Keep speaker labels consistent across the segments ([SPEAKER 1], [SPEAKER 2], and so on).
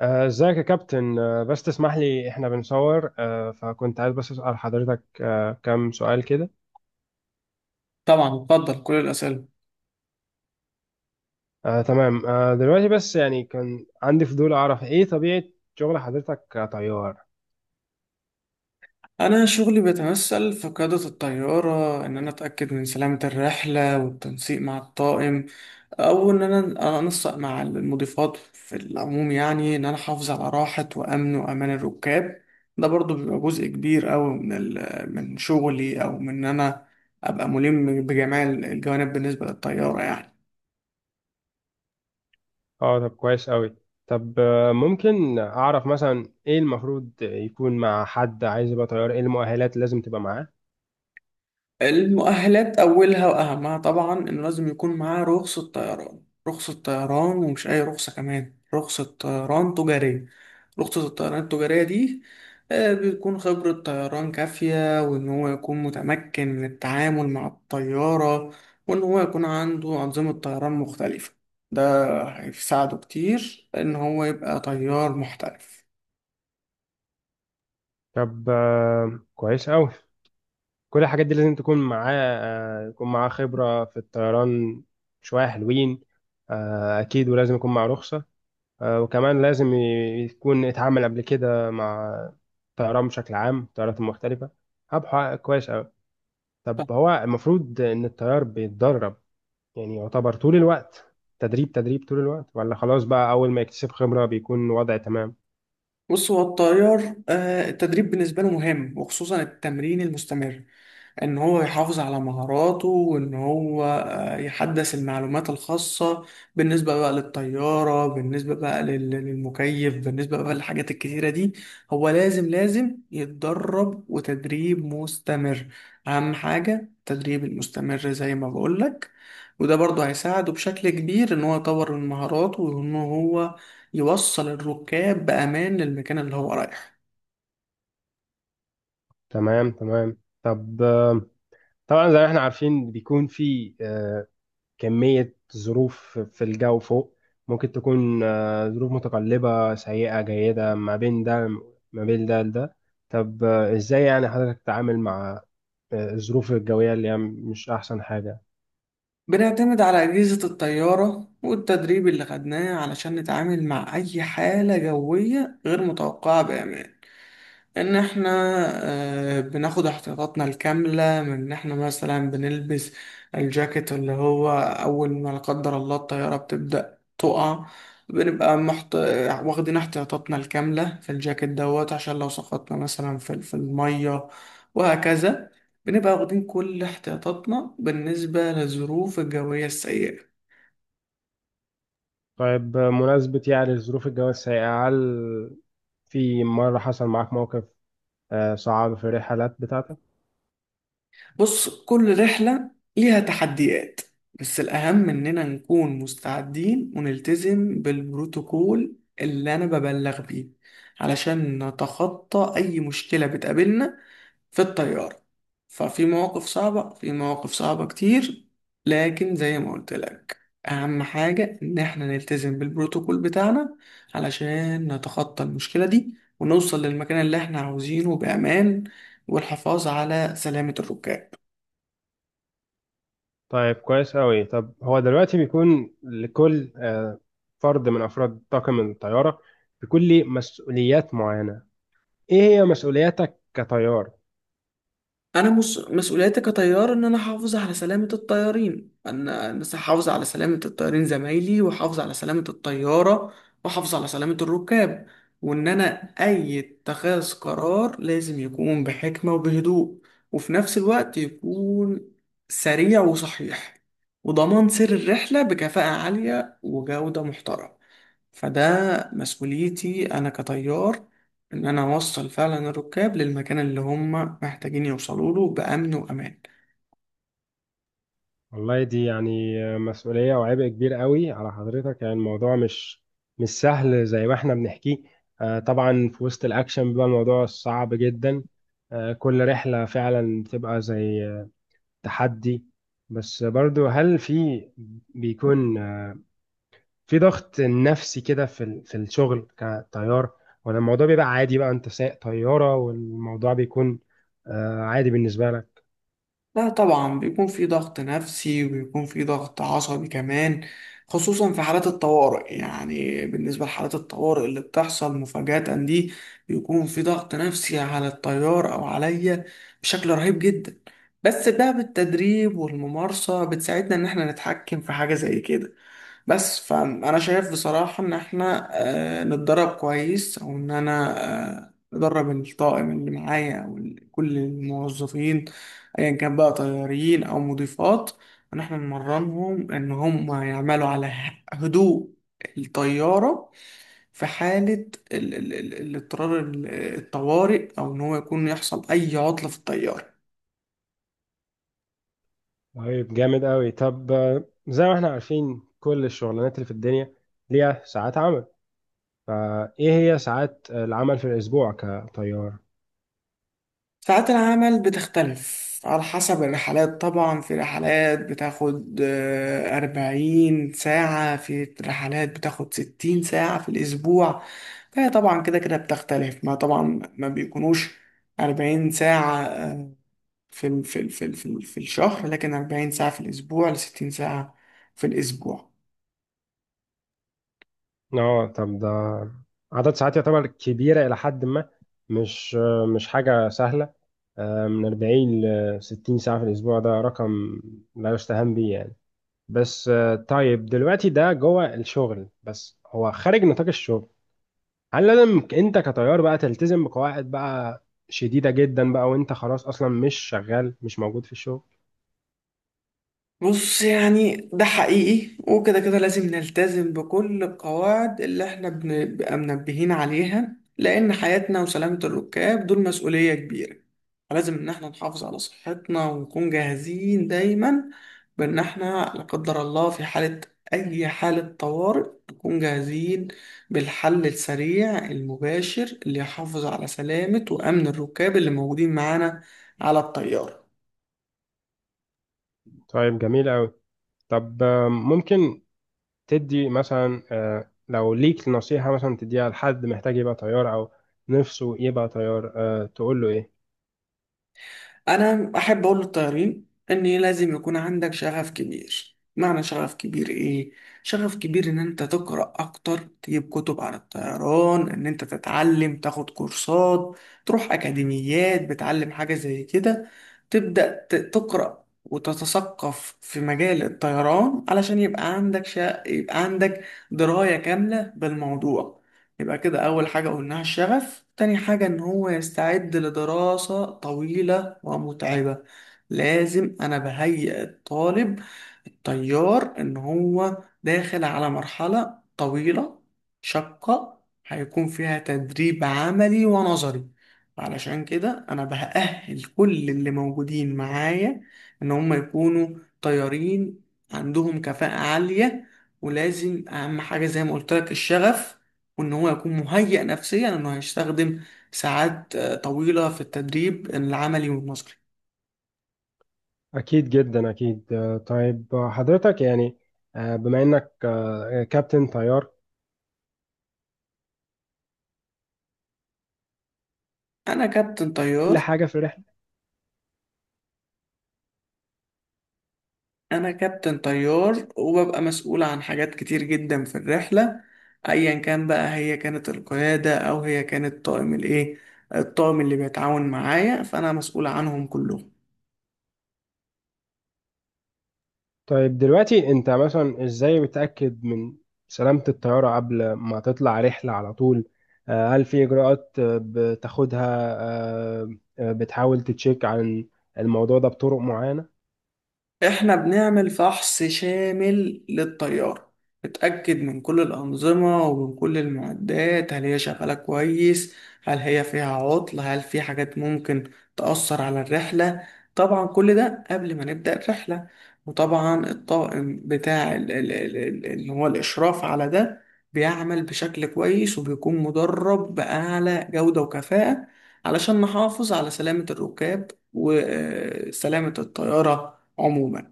[SPEAKER 1] ازيك يا كابتن، بس تسمح لي احنا بنصور، فكنت عايز بس اسال حضرتك كام سؤال كده.
[SPEAKER 2] طبعا بفضل كل الأسئلة.
[SPEAKER 1] تمام. دلوقتي بس يعني كان عندي فضول اعرف ايه طبيعه شغل حضرتك كطيار.
[SPEAKER 2] أنا شغلي بيتمثل في قيادة الطيارة، إن أنا أتأكد من سلامة الرحلة والتنسيق مع الطاقم، أو إن أنا أنسق مع المضيفات في العموم، يعني إن أنا أحافظ على راحة وأمن وأمان الركاب. ده برضو بيبقى جزء كبير أوي من شغلي، أو من إن أنا أبقى ملم بجميع الجوانب بالنسبة للطيارة يعني.
[SPEAKER 1] اه طب كويس قوي. طب ممكن اعرف مثلا ايه المفروض يكون مع حد عايز يبقى طيار، ايه المؤهلات اللي لازم تبقى معاه؟
[SPEAKER 2] المؤهلات أولها وأهمها طبعا إنه لازم يكون معاه رخصة طيران، رخصة طيران، ومش أي رخصة، كمان رخصة طيران تجارية. رخصة الطيران التجارية دي بتكون خبرة طيران كافية، وإن هو يكون متمكن من التعامل مع الطيارة، وإن هو يكون عنده أنظمة طيران مختلفة. ده هيساعده كتير إن هو يبقى طيار محترف.
[SPEAKER 1] طب كويس قوي. كل الحاجات دي لازم تكون معاه، يكون معاه خبره في الطيران، شويه حلوين. اكيد، ولازم يكون معاه رخصه، وكمان لازم يكون اتعامل قبل كده مع الطيران بشكل عام، الطيارات المختلفة. هبحث كويس أوي. طب هو المفروض إن الطيار بيتدرب، يعني يعتبر طول الوقت تدريب، تدريب طول الوقت، ولا خلاص بقى أول ما يكتسب خبرة بيكون وضع تمام؟
[SPEAKER 2] بص، هو الطيار، التدريب بالنسبة له مهم، وخصوصا التمرين المستمر، ان هو يحافظ على مهاراته، وان هو يحدث المعلومات الخاصة بالنسبة بقى للطيارة، بالنسبة بقى للمكيف، بالنسبة بقى للحاجات الكتيرة دي. هو لازم يتدرب، وتدريب مستمر. اهم حاجة التدريب المستمر زي ما بقولك. وده برضه هيساعده بشكل كبير، ان هو يطور من مهاراته، وان هو يوصل الركاب بأمان للمكان اللي هو رايحه.
[SPEAKER 1] تمام تمام. طب طبعا زي ما احنا عارفين بيكون في كمية ظروف في الجو فوق، ممكن تكون ظروف متقلبة، سيئة، جيدة، ما بين ده لده. طب ازاي يعني حضرتك تتعامل مع الظروف الجوية اللي هي مش أحسن حاجة؟
[SPEAKER 2] بنعتمد على أجهزة الطيارة والتدريب اللي خدناه علشان نتعامل مع أي حالة جوية غير متوقعة بأمان. ان احنا بناخد احتياطاتنا الكاملة، من ان احنا مثلا بنلبس الجاكيت، اللي هو اول ما لا قدر الله الطيارة بتبدأ تقع، بنبقى محت... واخدين احتياطاتنا الكاملة في الجاكيت دوت، عشان لو سقطنا مثلا في المية وهكذا. بنبقى واخدين كل احتياطاتنا بالنسبة للظروف الجوية السيئة.
[SPEAKER 1] طيب مناسبة، يعني الظروف الجوية السيئة، هل في مرة حصل معاك موقف صعب في الرحلات بتاعتك؟
[SPEAKER 2] بص، كل رحلة ليها تحديات، بس الأهم إننا نكون مستعدين ونلتزم بالبروتوكول اللي أنا ببلغ بيه، علشان نتخطى أي مشكلة بتقابلنا في الطيارة. ففي مواقف صعبة، في مواقف صعبة كتير، لكن زي ما قلت لك، أهم حاجة إن إحنا نلتزم بالبروتوكول بتاعنا، علشان نتخطى المشكلة دي، ونوصل للمكان اللي إحنا عاوزينه بأمان، والحفاظ على سلامة الركاب.
[SPEAKER 1] طيب كويس أوي. طب هو دلوقتي بيكون لكل فرد من أفراد طاقم الطيارة بيكون ليه مسؤوليات معينة، ايه هي مسؤولياتك كطيار؟
[SPEAKER 2] مسؤوليتي كطيار ان انا احافظ على سلامة الطيارين زمايلي، واحافظ على سلامة الطيارة، واحافظ على سلامة الركاب. وان انا، اي اتخاذ قرار لازم يكون بحكمة وبهدوء، وفي نفس الوقت يكون سريع وصحيح، وضمان سير الرحلة بكفاءة عالية وجودة محترمة. فده مسؤوليتي انا كطيار، ان انا اوصل فعلا الركاب للمكان اللي هم محتاجين يوصلوا له بامن وامان.
[SPEAKER 1] والله دي يعني مسؤولية وعبء كبير قوي على حضرتك، يعني الموضوع مش سهل زي ما احنا بنحكيه. طبعا في وسط الاكشن بيبقى الموضوع صعب جدا. كل رحلة فعلا بتبقى زي تحدي. بس برضو هل في، بيكون في ضغط نفسي كده في في الشغل كطيار، ولا الموضوع بيبقى عادي، بقى انت سايق طيارة والموضوع بيكون عادي بالنسبة لك؟
[SPEAKER 2] لا طبعا، بيكون في ضغط نفسي، وبيكون في ضغط عصبي كمان، خصوصا في حالات الطوارئ. يعني بالنسبة لحالات الطوارئ اللي بتحصل مفاجأة دي، بيكون في ضغط نفسي على الطيار او عليا بشكل رهيب جدا. بس بقى بالتدريب والممارسة بتساعدنا ان احنا نتحكم في حاجة زي كده. بس فانا شايف بصراحة ان احنا نتدرب كويس، او ان انا ندرب الطاقم اللي معايا، او كل الموظفين، ايا كان بقى طيارين او مضيفات، ان احنا نمرنهم ان هم يعملوا على هدوء الطيارة في حالة الاضطرار، الطوارئ، او ان هو يكون يحصل اي عطلة في الطيارة.
[SPEAKER 1] طيب جامد قوي. طب زي ما احنا عارفين، كل الشغلانات اللي في الدنيا ليها ساعات عمل، فايه هي ساعات العمل في الاسبوع كطيار؟
[SPEAKER 2] ساعات العمل بتختلف على حسب الرحلات. طبعا في رحلات بتاخد 40 ساعة، في رحلات بتاخد 60 ساعة في الأسبوع. فهي طبعا كده كده بتختلف. ما طبعا ما بيكونوش 40 ساعة، في الشهر، لكن 40 ساعة في الأسبوع لـ60 ساعة في الأسبوع.
[SPEAKER 1] اه طب ده عدد ساعات يعتبر كبيرة الى حد ما، مش مش حاجة سهلة. من 40 ل 60 ساعة في الاسبوع، ده رقم لا يستهان به يعني. بس طيب دلوقتي ده جوه الشغل، بس هو خارج نطاق الشغل هل لازم انت كطيار بقى تلتزم بقواعد بقى شديدة جدا بقى وانت خلاص اصلا مش شغال، مش موجود في الشغل؟
[SPEAKER 2] بص يعني ده حقيقي، وكده كده لازم نلتزم بكل القواعد اللي احنا بنبقى منبهين عليها، لأن حياتنا وسلامة الركاب دول مسؤولية كبيرة. فلازم إن احنا نحافظ على صحتنا، ونكون جاهزين دايما، بإن احنا لا قدر الله في حالة أي حالة طوارئ نكون جاهزين، بالحل السريع المباشر اللي يحافظ على سلامة وأمن الركاب اللي موجودين معانا على الطيارة.
[SPEAKER 1] طيب جميل قوي. طب ممكن تدي مثلا، لو ليك نصيحة مثلا تديها لحد محتاج يبقى طيار او نفسه يبقى طيار، تقول له ايه؟
[SPEAKER 2] انا احب اقول للطيارين ان لازم يكون عندك شغف كبير. معنى شغف كبير ايه؟ شغف كبير ان انت تقرا اكتر، تجيب كتب عن الطيران، ان انت تتعلم، تاخد كورسات، تروح اكاديميات بتعلم حاجه زي كده، تبدا تقرا وتتثقف في مجال الطيران، علشان يبقى عندك يبقى عندك درايه كامله بالموضوع. يبقى كده أول حاجة قلناها الشغف، تاني حاجة إن هو يستعد لدراسة طويلة ومتعبة. لازم أنا بهيئ الطالب التيار إن هو داخل على مرحلة طويلة شاقة، هيكون فيها تدريب عملي ونظري. علشان كده أنا بأهل كل اللي موجودين معايا إن هم يكونوا طيارين عندهم كفاءة عالية. ولازم أهم حاجة زي ما قلت لك الشغف، وان هو يكون مهيئ نفسيا انه هيستخدم ساعات طويلة في التدريب العملي والنظري.
[SPEAKER 1] اكيد جدا، اكيد. طيب حضرتك يعني بما انك كابتن طيار
[SPEAKER 2] انا كابتن
[SPEAKER 1] كل
[SPEAKER 2] طيار.
[SPEAKER 1] حاجة في.
[SPEAKER 2] انا كابتن طيار، وببقى مسؤول عن حاجات كتير جدا في الرحلة، ايا كان بقى هي كانت القيادة او هي كانت طاقم الايه، الطاقم اللي بيتعاون معايا، فانا مسؤول عنهم كلهم.
[SPEAKER 1] طيب دلوقتي انت مثلا ازاي بتأكد من سلامة الطيارة قبل ما تطلع رحلة على طول؟ هل في اجراءات بتاخدها، بتحاول تتشيك عن الموضوع ده بطرق معينة؟
[SPEAKER 2] احنا بنعمل فحص شامل للطيارة، بتأكد من كل الأنظمة ومن كل المعدات، هل هي شغالة كويس؟ هل هي فيها عطل؟ هل في حاجات ممكن تأثر على الرحلة؟ طبعا كل ده قبل ما نبدأ الرحلة. وطبعا الطاقم بتاع اللي هو الإشراف على ده، بيعمل بشكل كويس، وبيكون مدرب بأعلى جودة وكفاءة، علشان نحافظ على سلامة الركاب وسلامة الطيارة عموما.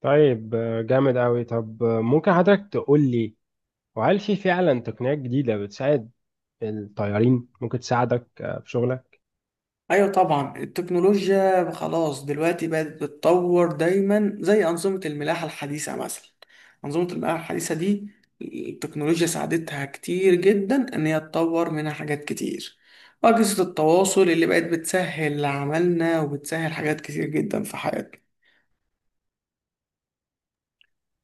[SPEAKER 1] طيب جامد قوي. طب ممكن حضرتك تقول لي وهل في فعلا تقنيات جديدة بتساعد الطيارين، ممكن تساعدك في شغلك؟
[SPEAKER 2] ايوه طبعا، التكنولوجيا خلاص دلوقتي بقت بتتطور دايما، زي انظمه الملاحه الحديثه مثلا. انظمه الملاحه الحديثه دي التكنولوجيا ساعدتها كتير جدا ان هي تطور منها حاجات كتير، واجهزه التواصل اللي بقت بتسهل عملنا، وبتسهل حاجات كتير جدا في حياتنا.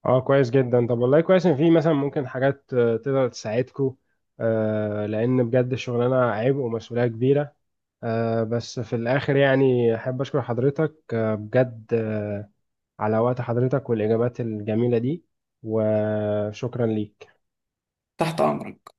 [SPEAKER 1] اه كويس جدا. طب والله كويس ان في مثلا ممكن حاجات تقدر تساعدكم، لان بجد الشغلانة عبء ومسؤولية كبيرة. بس في الآخر يعني أحب أشكر حضرتك بجد على وقت حضرتك والإجابات الجميلة دي، وشكرا ليك.
[SPEAKER 2] تحت امرك.